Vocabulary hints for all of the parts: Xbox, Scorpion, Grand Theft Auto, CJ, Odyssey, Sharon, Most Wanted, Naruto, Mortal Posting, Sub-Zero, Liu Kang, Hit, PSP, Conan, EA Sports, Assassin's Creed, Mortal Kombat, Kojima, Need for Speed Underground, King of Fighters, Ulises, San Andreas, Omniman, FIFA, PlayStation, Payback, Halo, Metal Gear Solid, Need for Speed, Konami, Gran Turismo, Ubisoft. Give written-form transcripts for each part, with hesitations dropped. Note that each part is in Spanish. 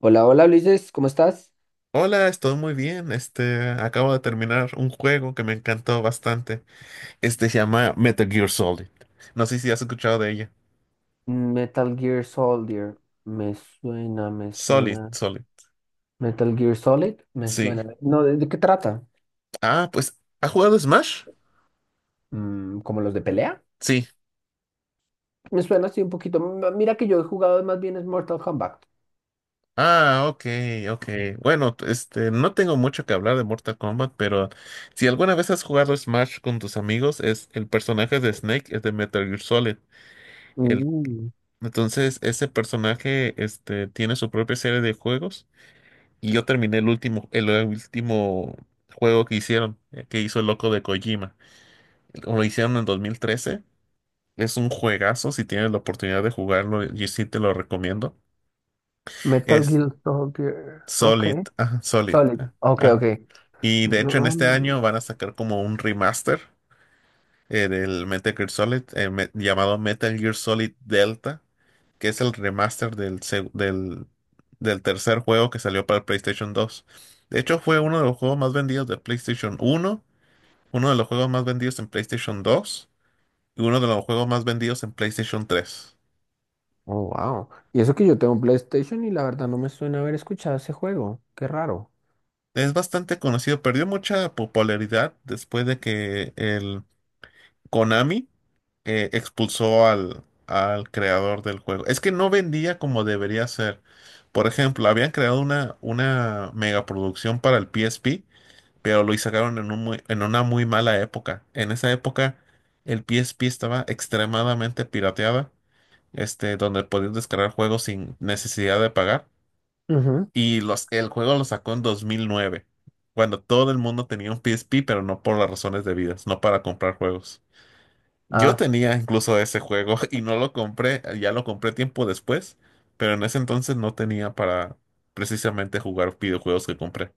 Hola, hola Ulises, ¿cómo estás? Hola, estoy muy bien. Acabo de terminar un juego que me encantó bastante. Este se llama Metal Gear Solid. No sé si has escuchado de ella. Metal Gear Soldier, me suena, me Solid, suena. Solid. Metal Gear Solid, me Sí. suena. No, ¿de qué trata? Ah, pues, ¿ha jugado Smash? ¿Como los de pelea? Sí. Me suena así un poquito. Mira que yo he jugado más bien es Mortal Kombat. Ah, ok, ok. Bueno, no tengo mucho que hablar de Mortal Kombat, pero si alguna vez has jugado Smash con tus amigos, es el personaje de Snake es de Metal Gear Solid. El, Mm, entonces, ese personaje, tiene su propia serie de juegos. Y yo terminé el último juego que hicieron, que hizo el loco de Kojima. Lo hicieron en 2013. Es un juegazo, si tienes la oportunidad de jugarlo, yo sí te lo recomiendo. Metal Es Gear Soldier, ok. Solid, ah, Solid. Solid, Ah, ok, ah. ok. Y de hecho en No, este no. año van a sacar como un remaster en el Metal Gear Solid, llamado Metal Gear Solid Delta, que es el remaster del tercer juego que salió para el PlayStation 2. De hecho, fue uno de los juegos más vendidos de PlayStation 1, uno de los juegos más vendidos en PlayStation 2 y uno de los juegos más vendidos en PlayStation 3. Oh, wow. Y eso que yo tengo PlayStation y la verdad no me suena haber escuchado ese juego. Qué raro. Es bastante conocido, perdió mucha popularidad después de que el Konami expulsó al creador del juego. Es que no vendía como debería ser. Por ejemplo, habían creado una megaproducción para el PSP, pero lo sacaron en en una muy mala época. En esa época, el PSP estaba extremadamente pirateada, donde podías descargar juegos sin necesidad de pagar. Ujú. Y el juego lo sacó en 2009, cuando todo el mundo tenía un PSP, pero no por las razones debidas, no para comprar juegos. Yo Ah, tenía incluso ese juego y no lo compré, ya lo compré tiempo después, pero en ese entonces no tenía para precisamente jugar videojuegos que compré.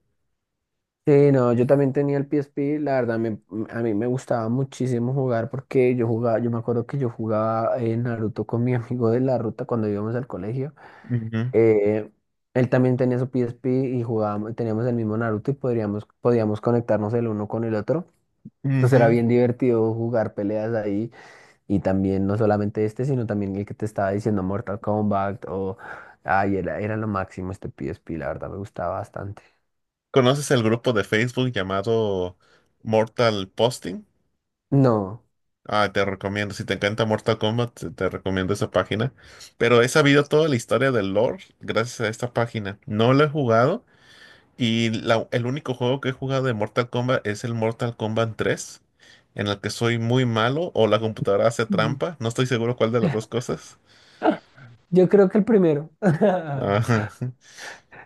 sí, no, yo también tenía el PSP, a mí me gustaba muchísimo jugar porque yo jugaba, yo me acuerdo que yo jugaba Naruto con mi amigo de la ruta cuando íbamos al colegio. Ujú, Eh, Él también tenía su PSP y jugábamos, teníamos el mismo Naruto y podíamos conectarnos el uno con el otro. Entonces era ujú. bien divertido jugar peleas ahí y también no solamente este, sino también el que te estaba diciendo Mortal Kombat o... Ay, era lo máximo este PSP, la verdad me gustaba bastante. ¿Conoces el grupo de Facebook llamado Mortal Posting? No. Ah, te recomiendo, si te encanta Mortal Kombat, te recomiendo esa página. Pero he sabido toda la historia del lore gracias a esta página. No lo he jugado. El único juego que he jugado de Mortal Kombat es el Mortal Kombat tres en el que soy muy malo o la computadora hace Mm. trampa. No estoy seguro cuál de las dos cosas. Yo creo que el primero. Ajá.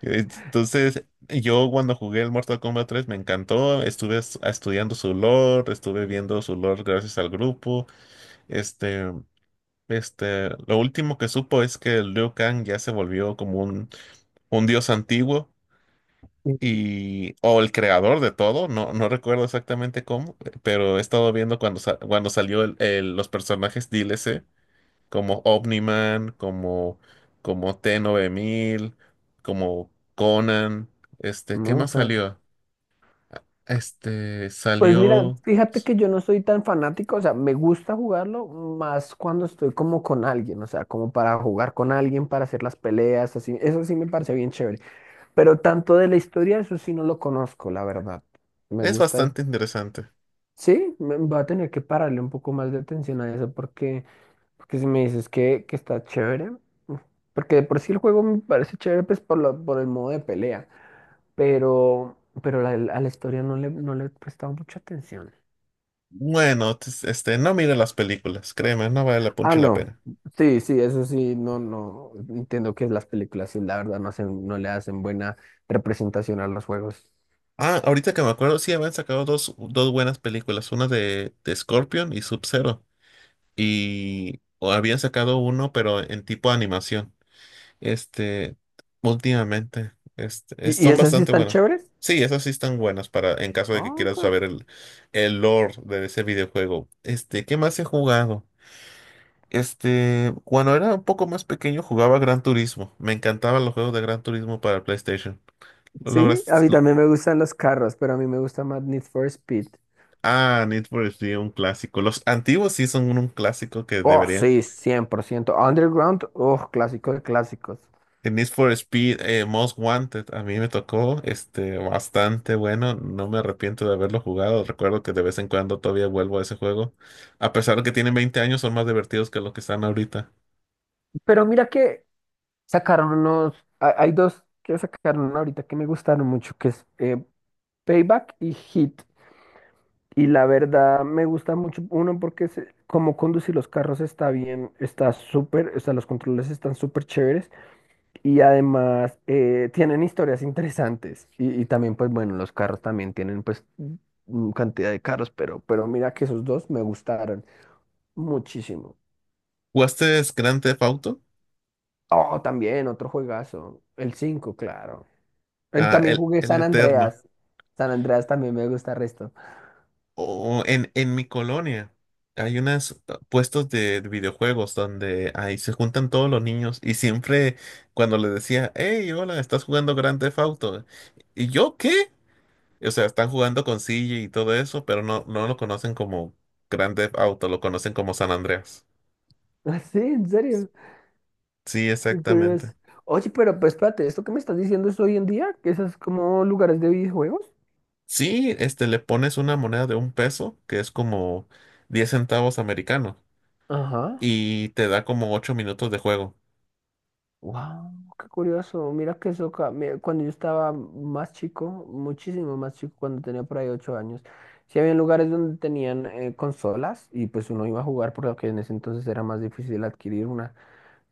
Entonces, yo cuando jugué el Mortal Kombat 3 me encantó. Estuve estudiando su lore, estuve viendo su lore gracias al grupo. Este, lo último que supo es que Liu Kang ya se volvió como un dios antiguo y o el creador de todo, no, no recuerdo exactamente cómo, pero he estado viendo cuando, cuando salió los personajes DLC, como Omniman, como T-9000 como Conan, ¿qué No, más claro. salió? Este, Pues mira, salió... fíjate que yo no soy tan fanático, o sea, me gusta jugarlo más cuando estoy como con alguien, o sea, como para jugar con alguien, para hacer las peleas, así, eso sí me parece bien chévere. Pero tanto de la historia, eso sí no lo conozco, la verdad. Me Es gusta. bastante interesante. Sí, me, voy a tener que pararle un poco más de atención a eso porque, porque si me dices que está chévere, porque de por sí el juego me parece chévere, pues por, por el modo de pelea. pero, pero a la historia no le, no le he prestado mucha atención. Bueno, no mire las películas, créeme, no vale la Ah, punche la no. pena. Sí, sí, eso sí, no, no. Entiendo que las películas, sí, la verdad, no hacen, no le hacen buena representación a los juegos. Ah, ahorita que me acuerdo, sí habían sacado dos buenas películas, una de Scorpion y Sub-Zero. Y o habían sacado uno, pero en tipo animación. Este, últimamente, Y son esas sí bastante están buenos. chéveres? Sí, esas sí están buenas para en caso de que Ah, ok. quieras saber el lore de ese videojuego. ¿Qué más he jugado? Cuando era un poco más pequeño jugaba Gran Turismo. Me encantaban los juegos de Gran Turismo para PlayStation. Lo Sí, a logras. mí también me gustan los carros, pero a mí me gusta más Need for Speed. Ah, Need for Speed, un clásico. Los antiguos sí son un clásico que Oh, deberían. sí, 100% Underground, oh, clásico de clásicos. En Need for Speed, Most Wanted, a mí me tocó bastante bueno. No me arrepiento de haberlo jugado. Recuerdo que de vez en cuando todavía vuelvo a ese juego. A pesar de que tienen 20 años, son más divertidos que los que están ahorita. Pero mira que sacaron unos, hay dos que sacaron ahorita que me gustaron mucho, que es Payback y Hit. Y la verdad me gusta mucho, uno, porque como conducir los carros está bien, está súper, o sea, los controles están súper chéveres y además tienen historias interesantes. Y también, pues bueno, los carros también tienen pues cantidad de carros, pero mira que esos dos me gustaron muchísimo. ¿Jugaste Grand Theft Auto? Oh, también otro juegazo, el 5 claro. Ah, También el, jugué el San Eterno. Andreas. San Andreas también me gusta el resto. O en mi colonia hay unos puestos de videojuegos donde ahí se juntan todos los niños y siempre cuando les decía, hey, hola, ¿estás jugando Grand Theft Auto? ¿Y yo qué? O sea, están jugando con CJ y todo eso, pero no, no lo conocen como Grand Theft Auto, lo conocen como San Andreas. Ah, sí, en serio. Sí, Qué curioso. exactamente. Oye, pero pues espérate, ¿esto que me estás diciendo es hoy en día? ¿Que esas como lugares de videojuegos? Sí, le pones una moneda de 1 peso, que es como 10 centavos americanos, Ajá. y te da como 8 minutos de juego. Wow. Qué curioso, mira que eso, mira, cuando yo estaba más chico, muchísimo más chico, cuando tenía por ahí ocho años, sí había lugares donde tenían consolas y pues uno iba a jugar porque en ese entonces era más difícil adquirir una.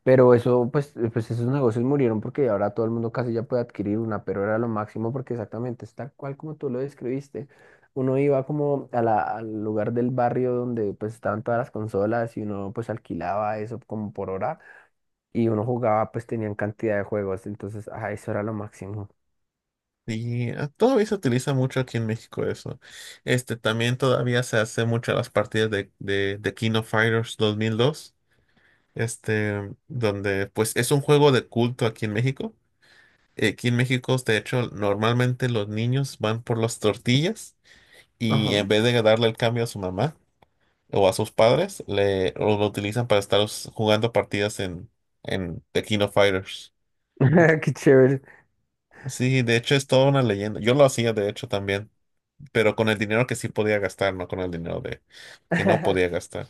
Pero eso, pues, pues esos negocios murieron porque ahora todo el mundo casi ya puede adquirir una, pero era lo máximo porque exactamente es tal cual como tú lo describiste. Uno iba como a al lugar del barrio donde pues estaban todas las consolas y uno pues alquilaba eso como por hora y uno jugaba pues tenían cantidad de juegos, entonces, ah, eso era lo máximo. Y ah, todavía se utiliza mucho aquí en México eso. También todavía se hace mucho las partidas de King of Fighters 2002, donde pues es un juego de culto aquí en México. Aquí en México, de hecho, normalmente los niños van por las tortillas y Ajá. en vez de darle el cambio a su mamá o a sus padres, lo utilizan para estar jugando partidas en The King of Fighters. Mm, Qué chévere. sí, de hecho es toda una leyenda. Yo lo hacía, de hecho, también, pero con el dinero que sí podía gastar, no con el dinero de que no podía gastar.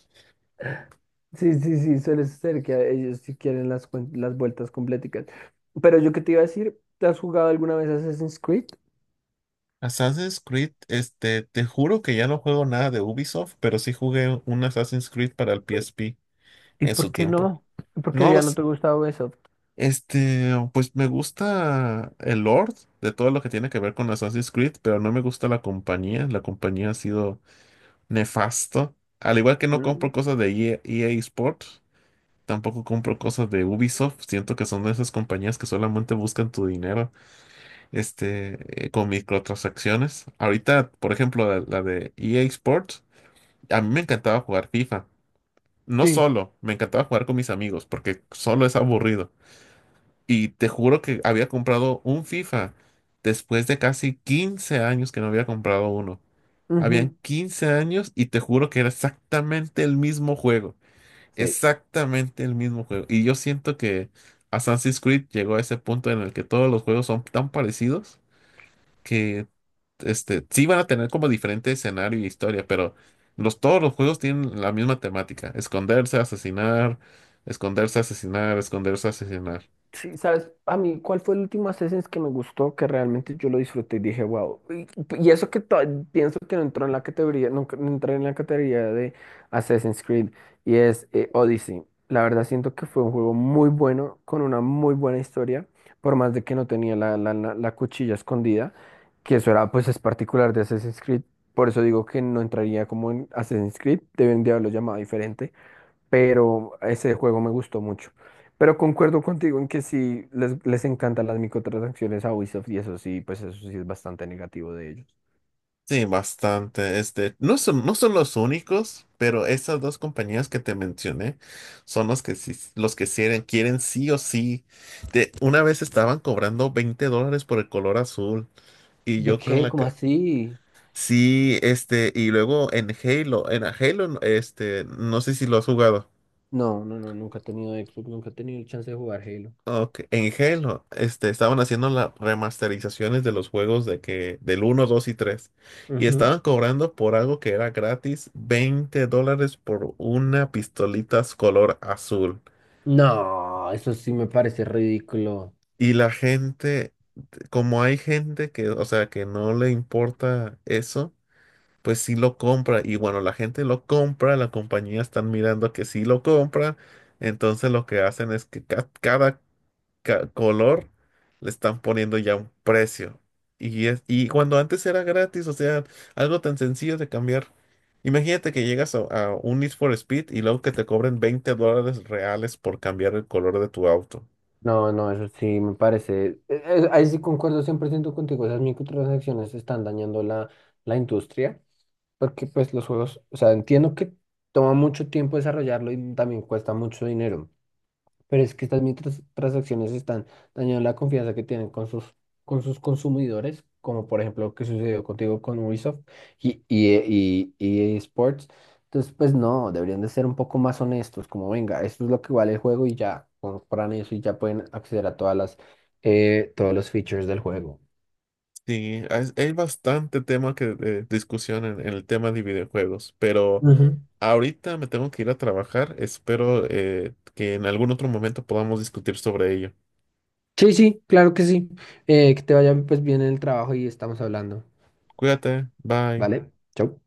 Sí, sí, sí, suele ser que ellos sí quieren las, las vueltas completicas. Pero yo qué te iba a decir, ¿te has jugado alguna vez Assassin's Creed? Assassin's Creed, te juro que ya no juego nada de Ubisoft, pero sí jugué un Assassin's Creed para el PSP ¿Y en su por qué tiempo. no? ¿Y por qué No ya no los. te gusta Ubisoft? Pues me gusta el Lord de todo lo que tiene que ver con Assassin's Creed, pero no me gusta la compañía. La compañía ha sido nefasto. Al igual que no compro Mm, cosas de EA, EA Sports, tampoco compro cosas de Ubisoft. Siento que son de esas compañías que solamente buscan tu dinero, con microtransacciones. Ahorita, por ejemplo, la de EA Sports, a mí me encantaba jugar FIFA. No sí. solo, me encantaba jugar con mis amigos, porque solo es aburrido. Y te juro que había comprado un FIFA después de casi 15 años que no había comprado uno. Habían Ujú. 15 años y te juro que era exactamente el mismo juego. Sí. Exactamente el mismo juego. Y yo siento que Assassin's Creed llegó a ese punto en el que todos los juegos son tan parecidos que sí van a tener como diferente escenario y historia, pero todos los juegos tienen la misma temática. Esconderse, asesinar, esconderse, asesinar, esconderse, asesinar. Sí, ¿sabes? A mí, ¿cuál fue el último Assassin's que me gustó, que realmente yo lo disfruté y dije, wow? Y, y eso que to- pienso que no entró en la categoría, nunca no entré en la categoría de Assassin's Creed, y es Odyssey. La verdad siento que fue un juego muy bueno, con una muy buena historia, por más de que no tenía la cuchilla escondida, que eso era, pues es particular de Assassin's Creed, por eso digo que no entraría como en Assassin's Creed, deben de haberlo llamado diferente pero ese juego me gustó mucho. Pero concuerdo contigo en que sí les encantan las microtransacciones a Ubisoft y eso sí, pues eso sí es bastante negativo de ellos. Sí, bastante. No son los únicos, pero esas dos compañías que te mencioné son los que los que quieren sí o sí. Una vez estaban cobrando $20 por el color azul y ¿De yo con qué? la ¿Cómo que así? sí, y luego en Halo, no sé si lo has jugado. No, no, no, nunca he tenido Xbox, nunca he tenido el chance de jugar Halo. Ok, en Halo, estaban haciendo las remasterizaciones de los juegos del uno, 2 y tres. Y Ujú. estaban cobrando por algo que era gratis, $20 por una pistolita color azul. No, eso sí me parece ridículo. Y la gente, como hay gente que, o sea, que no le importa eso, pues sí lo compra. Y bueno, la gente lo compra, la compañía están mirando que sí lo compra. Entonces lo que hacen es que cada color le están poniendo ya un precio. Y cuando antes era gratis, o sea, algo tan sencillo de cambiar. Imagínate que llegas a un Need for Speed y luego que te cobren $20 reales por cambiar el color de tu auto. No, no, eso sí me parece. Ahí sí concuerdo 100% contigo. Esas microtransacciones están dañando la, la industria. Porque pues los juegos, o sea, entiendo que toma mucho tiempo desarrollarlo y también cuesta mucho dinero, pero es que estas micros transacciones están dañando la confianza que tienen con sus consumidores, como por ejemplo lo que sucedió contigo con Ubisoft y EA Sports. Entonces, pues no, deberían de ser un poco más honestos, como venga, esto es lo que vale el juego y ya, compran eso y ya pueden acceder a todas las, todos los features del juego. Sí, hay bastante tema que de discusión en el tema de videojuegos, pero ahorita me tengo que ir a trabajar. Espero que en algún otro momento podamos discutir sobre ello. Sí, sí, claro que sí. Que te vaya pues bien en el trabajo y estamos hablando. Cuídate, bye. ¿Vale? Chau.